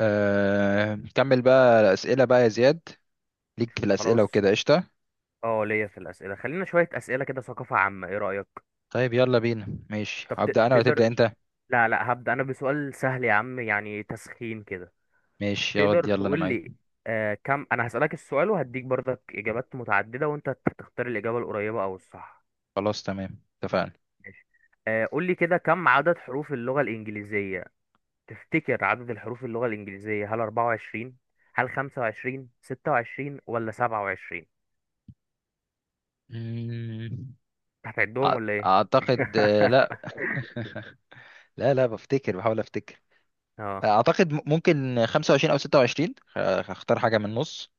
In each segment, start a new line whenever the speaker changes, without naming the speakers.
نكمل بقى الأسئلة بقى يا زياد. ليك في
خلاص.
الأسئلة وكده قشطة.
اه ليا في الأسئلة، خلينا شوية أسئلة كده ثقافة عامة، ايه رأيك؟
طيب يلا بينا. ماشي،
طب
هبدأ أنا ولا
تقدر،
تبدأ أنت؟
لا لا، هبدأ أنا بسؤال سهل يا عم، يعني تسخين كده.
ماشي، يلا
تقدر
يلا، أنا
تقول
معاك.
لي كم. أنا هسألك السؤال وهديك برضك إجابات متعددة وأنت تختار الإجابة القريبة أو الصح.
خلاص تمام، اتفقنا.
ماشي. قول لي كده، كم عدد حروف اللغة الإنجليزية؟ تفتكر عدد الحروف اللغة الإنجليزية هل 24، هل 25، 26، ولا 27؟
مم،
هتعدهم
أع-
ولا إيه؟
أعتقد لا. لا لا، بفتكر، بحاول أفتكر.
اه.
أعتقد ممكن 25 أو 26. هختار حاجة من النص.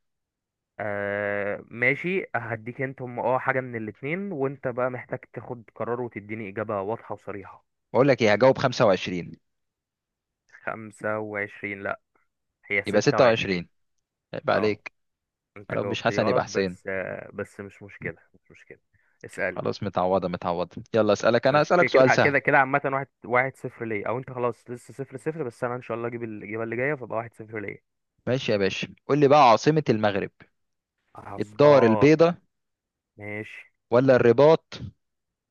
ماشي، هديك انت هم حاجة من الاتنين، وانت بقى محتاج تاخد قرار وتديني إجابة واضحة وصريحة.
بقول لك إيه، هجاوب 25.
خمسة وعشرين؟ لأ، هي
يبقى
ستة وعشرين.
26، يبقى
اه،
عليك.
انت
لو مش
جاوبت لي
حسن
غلط
يبقى حسين.
بس بس مش مشكلة، مش مشكلة. اسألني.
خلاص، متعوضة متعوضة. يلا أسألك أنا،
ماشي كده
أسألك
كده
سؤال سهل.
كده كده، عامة واحد واحد صفر ليا او انت خلاص، لسه صفر صفر، بس انا ان شاء الله اجيب الإجابة اللي جاية فبقى واحد صفر ليا.
ماشي يا باشا، قول لي بقى عاصمة المغرب:
حصل.
الدار
اه.
البيضاء،
ماشي،
ولا الرباط،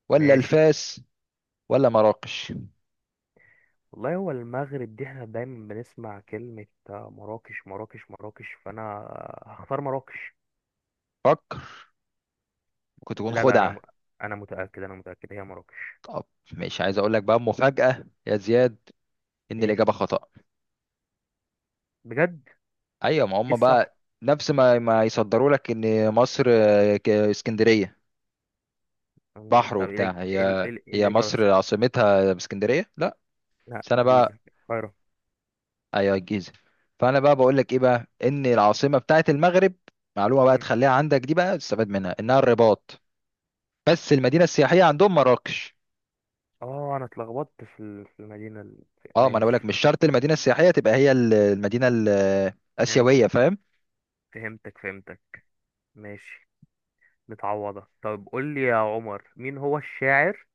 ولا
ماشي.
الفاس، ولا مراكش؟
والله هو المغرب دي احنا دايما بنسمع كلمة مراكش، مراكش، مراكش، فأنا هختار مراكش.
فكر، ممكن تكون
لا لا، أنا
خدعة.
أنا متأكد، أنا متأكد هي مراكش.
طب، مش عايز اقول لك بقى مفاجأة يا زياد ان
إيه؟
الإجابة خطأ.
بجد؟
ايوه، ما
إيه
هم
الصح؟
بقى. نفس ما يصدروا لك ان مصر اسكندرية بحر
طب
وبتاع. هي
إيه
هي
الإجابة
مصر
الصح؟
عاصمتها اسكندرية؟ لا.
لا،
بس انا بقى،
الجيزة، القاهرة.
ايوه الجيزة. فانا بقى بقول لك ايه بقى ان العاصمة بتاعت المغرب، معلومة بقى
أمم.
تخليها عندك دي، بقى تستفاد منها، انها الرباط. بس المدينه السياحيه عندهم مراكش.
أنا اتلخبطت في المدينة
اه، ما انا بقولك
ماشي.
مش شرط المدينه السياحيه تبقى هي ال- المدينه ال- الاسيويه،
فهمتك،
فاهم؟
فهمتك، فهمتك. ماشي، متعوضة. طب قول لي يا عمر، مين هو الشاعر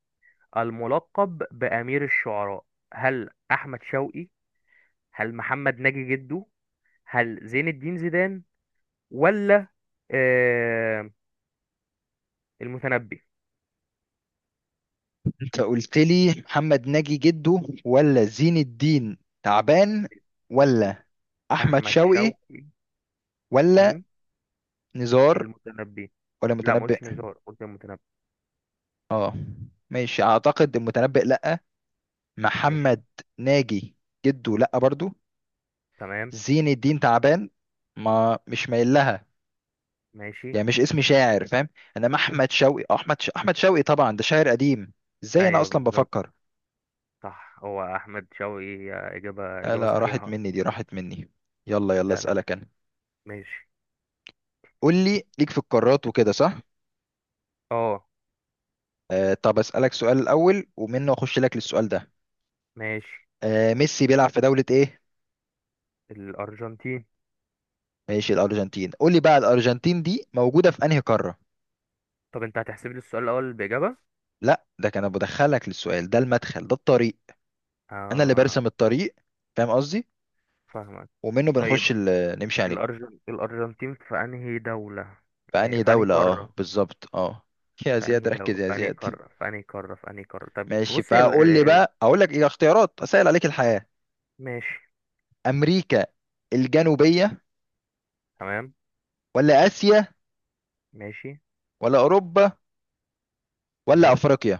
الملقب بأمير الشعراء؟ هل أحمد شوقي، هل محمد ناجي جده، هل زين الدين زيدان، ولا آه المتنبي؟
انت قلت لي محمد ناجي جده، ولا زين الدين تعبان، ولا احمد
احمد
شوقي،
شوقي.
ولا
مم،
نزار،
المتنبي.
ولا
لا، ما قلتش
متنبئ؟
نزار، قلت المتنبي.
اه، ماشي. اعتقد المتنبئ لا.
ماشي.
محمد ناجي جده لا برضو.
تمام.
زين الدين تعبان، ما مش مايل لها،
ماشي.
يعني مش اسمي شاعر فاهم. انما احمد شوقي، احمد شوقي طبعا، ده شاعر قديم. ازاي انا
ايوه،
اصلا
بالظبط،
بفكر؟
صح، هو احمد شوقي. اجابه،
لا، راحت
صحيحه.
مني دي، راحت مني. يلا يلا،
ده لا.
اسالك انا.
ماشي.
قول لي، ليك في القارات وكده صح؟
اه،
طب اسالك سؤال الاول، ومنه اخش لك للسؤال ده.
ماشي.
ميسي بيلعب في دولة ايه؟
الارجنتين.
ماشي، الارجنتين. قول لي بقى، الارجنتين دي موجودة في انهي قارة؟
طب انت هتحسب لي السؤال الاول باجابه؟
لا، ده كان بدخلك للسؤال ده، المدخل ده الطريق. انا اللي
اه.
برسم الطريق، فاهم قصدي؟
فاهمك.
ومنه
طيب،
بنخش نمشي عليه.
الأرجنتين في أنهي دولة؟ ما هي-
بأنهي
في أنهي
دولة؟ اه
قارة؟
بالظبط اه. يا زياد ركز، يا زياد.
في انهي قارة. طب
ماشي،
بص، هي
فقول لي بقى، اقول لك ايه، اختيارات اسهل عليك الحياة:
ماشي.
امريكا الجنوبية،
تمام.
ولا اسيا،
ماشي.
ولا اوروبا، ولا
تمام.
افريقيا؟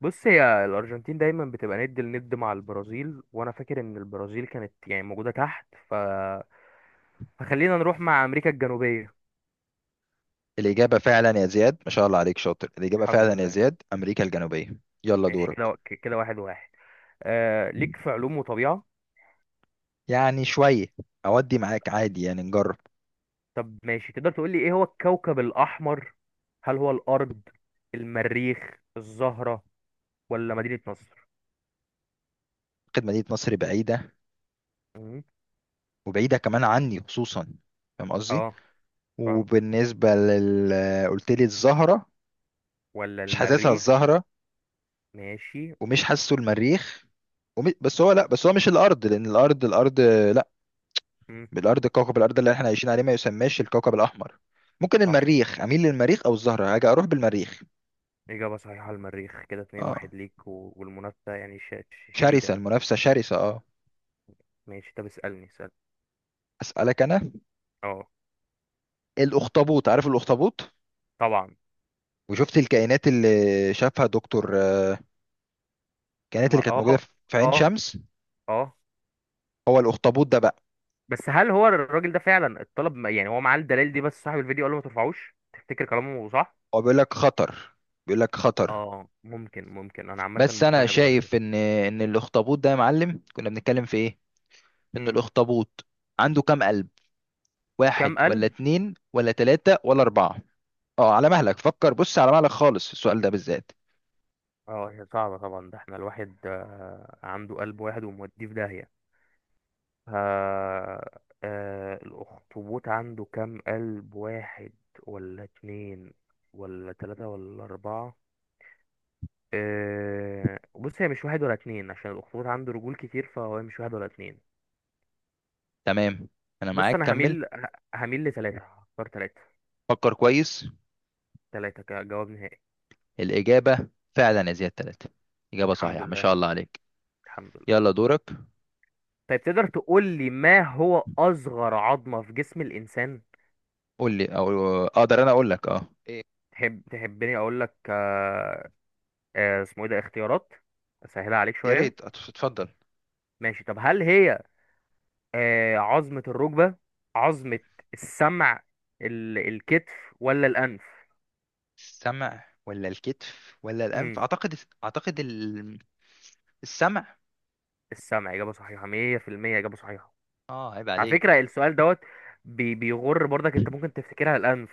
بص، هي الأرجنتين دايما بتبقى ند لند مع البرازيل، وأنا فاكر إن البرازيل كانت يعني موجودة تحت، فخلينا نروح مع أمريكا الجنوبية.
الاجابة فعلا يا زياد، ما شاء الله عليك، شاطر. الاجابة
الحمد
فعلا يا
لله.
زياد، امريكا الجنوبية. يلا
ماشي
دورك.
كده كده واحد واحد. ليك في علوم وطبيعة.
يعني شوية، اودي معاك عادي يعني نجرب.
طب، ماشي. تقدر تقول لي إيه هو الكوكب الأحمر؟ هل هو الأرض، المريخ، الزهرة، ولا مدينة نصر؟
خد مدينة نصر بعيدة،
مم.
وبعيدة كمان عني خصوصا، فاهم قصدي؟
اه، فاهمك.
وبالنسبة لل... قلت لي الزهرة.
ولا
مش حاسسها
المريخ؟
الزهرة،
ماشي.
ومش حاسه المريخ. ومي... بس هو لا بس هو مش الارض، لان الارض، لا،
مم.
الارض كوكب، الارض اللي احنا عايشين عليه ما يسماش الكوكب الاحمر. ممكن
صح،
المريخ، اميل للمريخ او الزهره. هاجي اروح بالمريخ.
إجابة صحيحة، المريخ. كده اتنين
اه،
واحد ليك، والمنافسة يعني
شرسه
شديدة.
المنافسه شرسه، اه.
ماشي. طب اسألني، اسأل.
اسالك انا.
اه،
الاخطبوط، عارف الاخطبوط؟
طبعا.
وشفت الكائنات اللي شافها دكتور، الكائنات
ما،
اللي كانت موجوده
اه،
في عين
اه،
شمس؟
اه،
هو الاخطبوط ده بقى.
بس هل هو الراجل ده فعلا اتطلب؟ يعني هو معاه الدلائل دي بس صاحب الفيديو قال له ما ترفعوش، تفتكر كلامه صح؟
هو بيقول لك خطر، بيقول لك خطر.
اه، ممكن، ممكن، انا عامة
بس انا
مقتنع بالراجل ده.
شايف ان الاخطبوط ده يا معلم، كنا بنتكلم في ايه، ان
مم.
الاخطبوط عنده كام قلب: واحد
كام
ولا
قلب؟
اتنين ولا تلاتة ولا اربعة؟ اه، على مهلك فكر. بص، على مهلك خالص في السؤال ده بالذات.
اه، هي صعبة طبعا. ده احنا الواحد عنده قلب واحد وموديه في داهية. ها. الأخطبوط عنده كام قلب، واحد، ولا اتنين، ولا تلاتة، ولا أربعة؟ بص، هي مش واحد ولا اتنين عشان الأخطبوط عنده رجول كتير، فهو مش واحد ولا اتنين.
تمام. انا
بص
معاك،
أنا
كمل.
هميل، هميل لتلاتة، هختار تلاتة.
فكر كويس.
تلاتة كجواب نهائي.
الاجابة فعلا يا زياد تلاتة. اجابة
الحمد
صحيحة، ما
لله.
شاء الله عليك.
الحمد لله.
يلا دورك.
طيب، تقدر تقول لي ما هو أصغر عظمة في جسم الإنسان؟
قول لي، او اقدر انا اقول لك إيه.
تحبني أقول لك اسمه إيه ده؟ اختيارات أسهلها عليك
يا
شوية.
ريت، اتفضل.
ماشي. طب هل هي عظمة الركبة، عظمة السمع، الكتف، ولا الأنف؟
السمع ولا الكتف ولا الانف؟
مم.
اعتقد، اعتقد السمع.
السمع، إجابة صحيحة 100% إجابة صحيحة.
اه، عيب
على فكرة
عليك.
السؤال دوت بيغر برضك، أنت ممكن تفتكرها الأنف.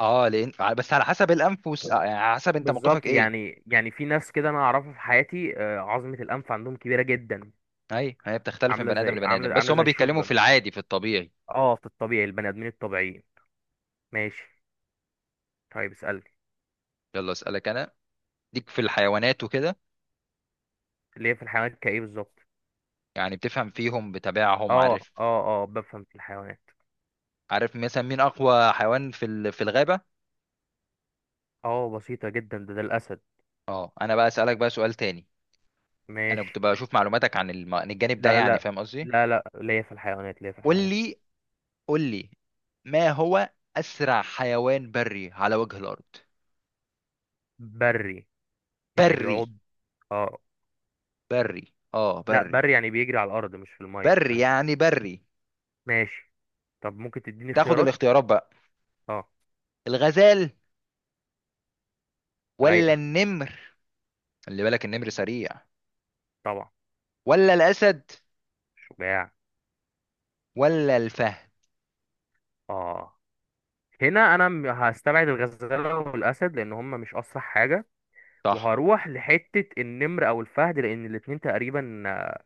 اه لان، بس على حسب الانف والس... آه، يعني على حسب انت موقفك
بالظبط.
ايه.
يعني في ناس كده أنا أعرفها في حياتي عظمة الأنف عندهم كبيرة جدا.
اي، هي بتختلف من بني ادم لبني ادم،
عاملة
بس
عاملة
هما
زي
بيتكلموا في
الشوتجن.
العادي، في الطبيعي.
اه، في الطبيعي البني آدمين الطبيعيين. ماشي. طيب، اسألني.
يلا اسالك انا، ليك في الحيوانات وكده.
اللي هي في الحيوانات كإيه بالظبط؟
يعني بتفهم فيهم، بتابعهم
اه،
عارف.
اه، اه، بفهم في الحيوانات.
عارف مثلا مين اقوى حيوان في الغابه؟
اه، بسيطة جدا. ده الأسد.
اه، انا بقى اسالك بقى سؤال تاني. انا كنت
ماشي.
بشوف معلوماتك عن الجانب ده
لا،
يعني،
لا،
فاهم قصدي؟
لا، لا، ليا في الحيوانات، ليا في
قول
الحيوانات.
لي، قول لي ما هو اسرع حيوان بري على وجه الارض.
بري؟ يعني
بري؟
بيعض؟ اه.
بري. اه
لا،
بري.
بري يعني بيجري على الارض مش في الميه،
بري
تمام.
يعني بري.
ماشي. طب ممكن تديني
تاخد
اختيارات؟
الاختيارات بقى:
اه.
الغزال، ولا
رايقه.
النمر، خلي بالك النمر سريع،
طبعا.
ولا الاسد،
شجاع.
ولا الفهد؟
اه، هنا انا هستبعد الغزاله والاسد لان هم مش اسرع حاجه.
صح.
وهروح لحته النمر او الفهد لان الاتنين تقريبا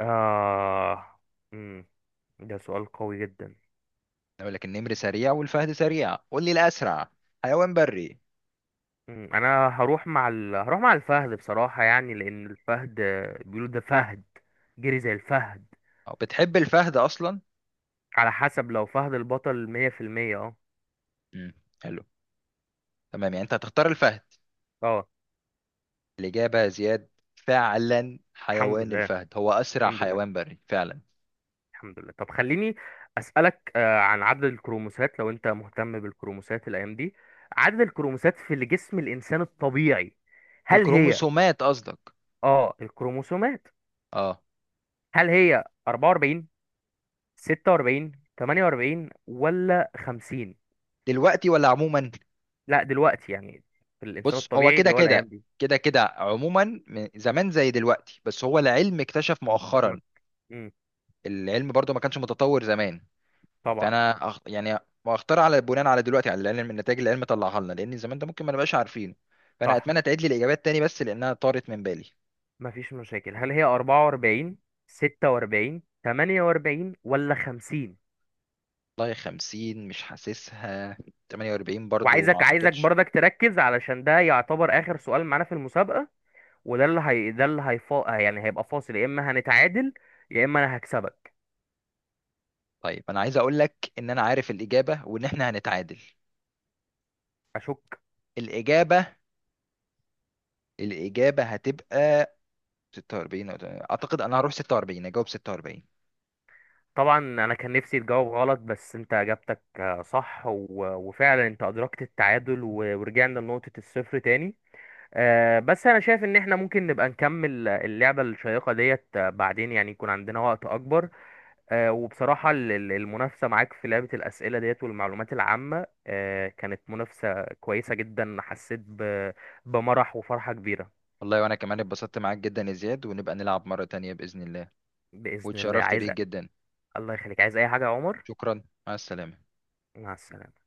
آه، مم، ده سؤال قوي جدا.
اقول لك النمر سريع والفهد سريع، قول لي الاسرع حيوان بري.
انا هروح مع الفهد بصراحة، يعني لان الفهد بيقولوا ده فهد، جري زي الفهد.
أو بتحب الفهد اصلا؟
على حسب. لو فهد البطل 100%. اه،
امم حلو. تمام، يعني انت هتختار الفهد.
اه.
الاجابه يا زياد، فعلا
الحمد
حيوان
لله.
الفهد هو اسرع
الحمد لله.
حيوان بري فعلا.
الحمد لله. طب خليني اسألك عن عدد الكروموسات، لو انت مهتم بالكروموسات الايام دي. عدد الكروموسات في اللي جسم الانسان الطبيعي. هل هي؟
الكروموسومات قصدك؟
اه، الكروموسومات.
اه.
هل هي 44، 46، 48، ولا 50؟
دلوقتي ولا عموما؟
لا، دلوقتي يعني، في الانسان
بص، هو
الطبيعي
كده
اللي هو الايام
كده،
دي.
كده كده عموما، من زمان زي دلوقتي، بس هو العلم اكتشف
م... م...
مؤخرا.
مم.
العلم برضو ما كانش متطور زمان.
طبعا.
فانا يعني، واختار، بناء على دلوقتي، على العلم، النتائج اللي العلم طلعها لنا، لان زمان ده ممكن ما نبقاش عارفين. فانا
صح.
اتمنى تعيد لي الاجابات تاني، بس لانها طارت من بالي.
مفيش مشاكل. هل هي 44، 46، 48، ولا 50؟
والله 50 مش حاسسها. 48 برضو ما
وعايزك
اعتقدش.
برضك تركز علشان ده يعتبر اخر سؤال معانا في المسابقة. وده اللي هي ده اللي يعني هيبقى فاصل، يا اما هنتعادل، يا اما انا هكسبك.
طيب انا عايز اقول لك ان انا عارف الاجابه، وان احنا هنتعادل.
اشك.
الاجابه، الاجابه هتبقى 46 تمانية. اعتقد انا هروح 46، اجاوب 46.
طبعا، انا كان نفسي تجاوب غلط بس انت اجابتك صح، وفعلا انت ادركت التعادل، ورجعنا لنقطة الصفر تاني. بس انا شايف ان احنا ممكن نبقى نكمل اللعبة الشيقة ديت بعدين، يعني يكون عندنا وقت اكبر. وبصراحة المنافسة معاك في لعبة الاسئلة ديت والمعلومات العامة كانت منافسة كويسة جدا، حسيت بمرح وفرحة كبيرة.
والله وانا كمان اتبسطت معاك جدا يا زياد، ونبقى نلعب مره تانية باذن الله.
بإذن الله.
واتشرفت
عايز.
بيك جدا.
الله يخليك. عايز اي حاجة يا عمر؟
شكرا، مع السلامه.
مع السلامة.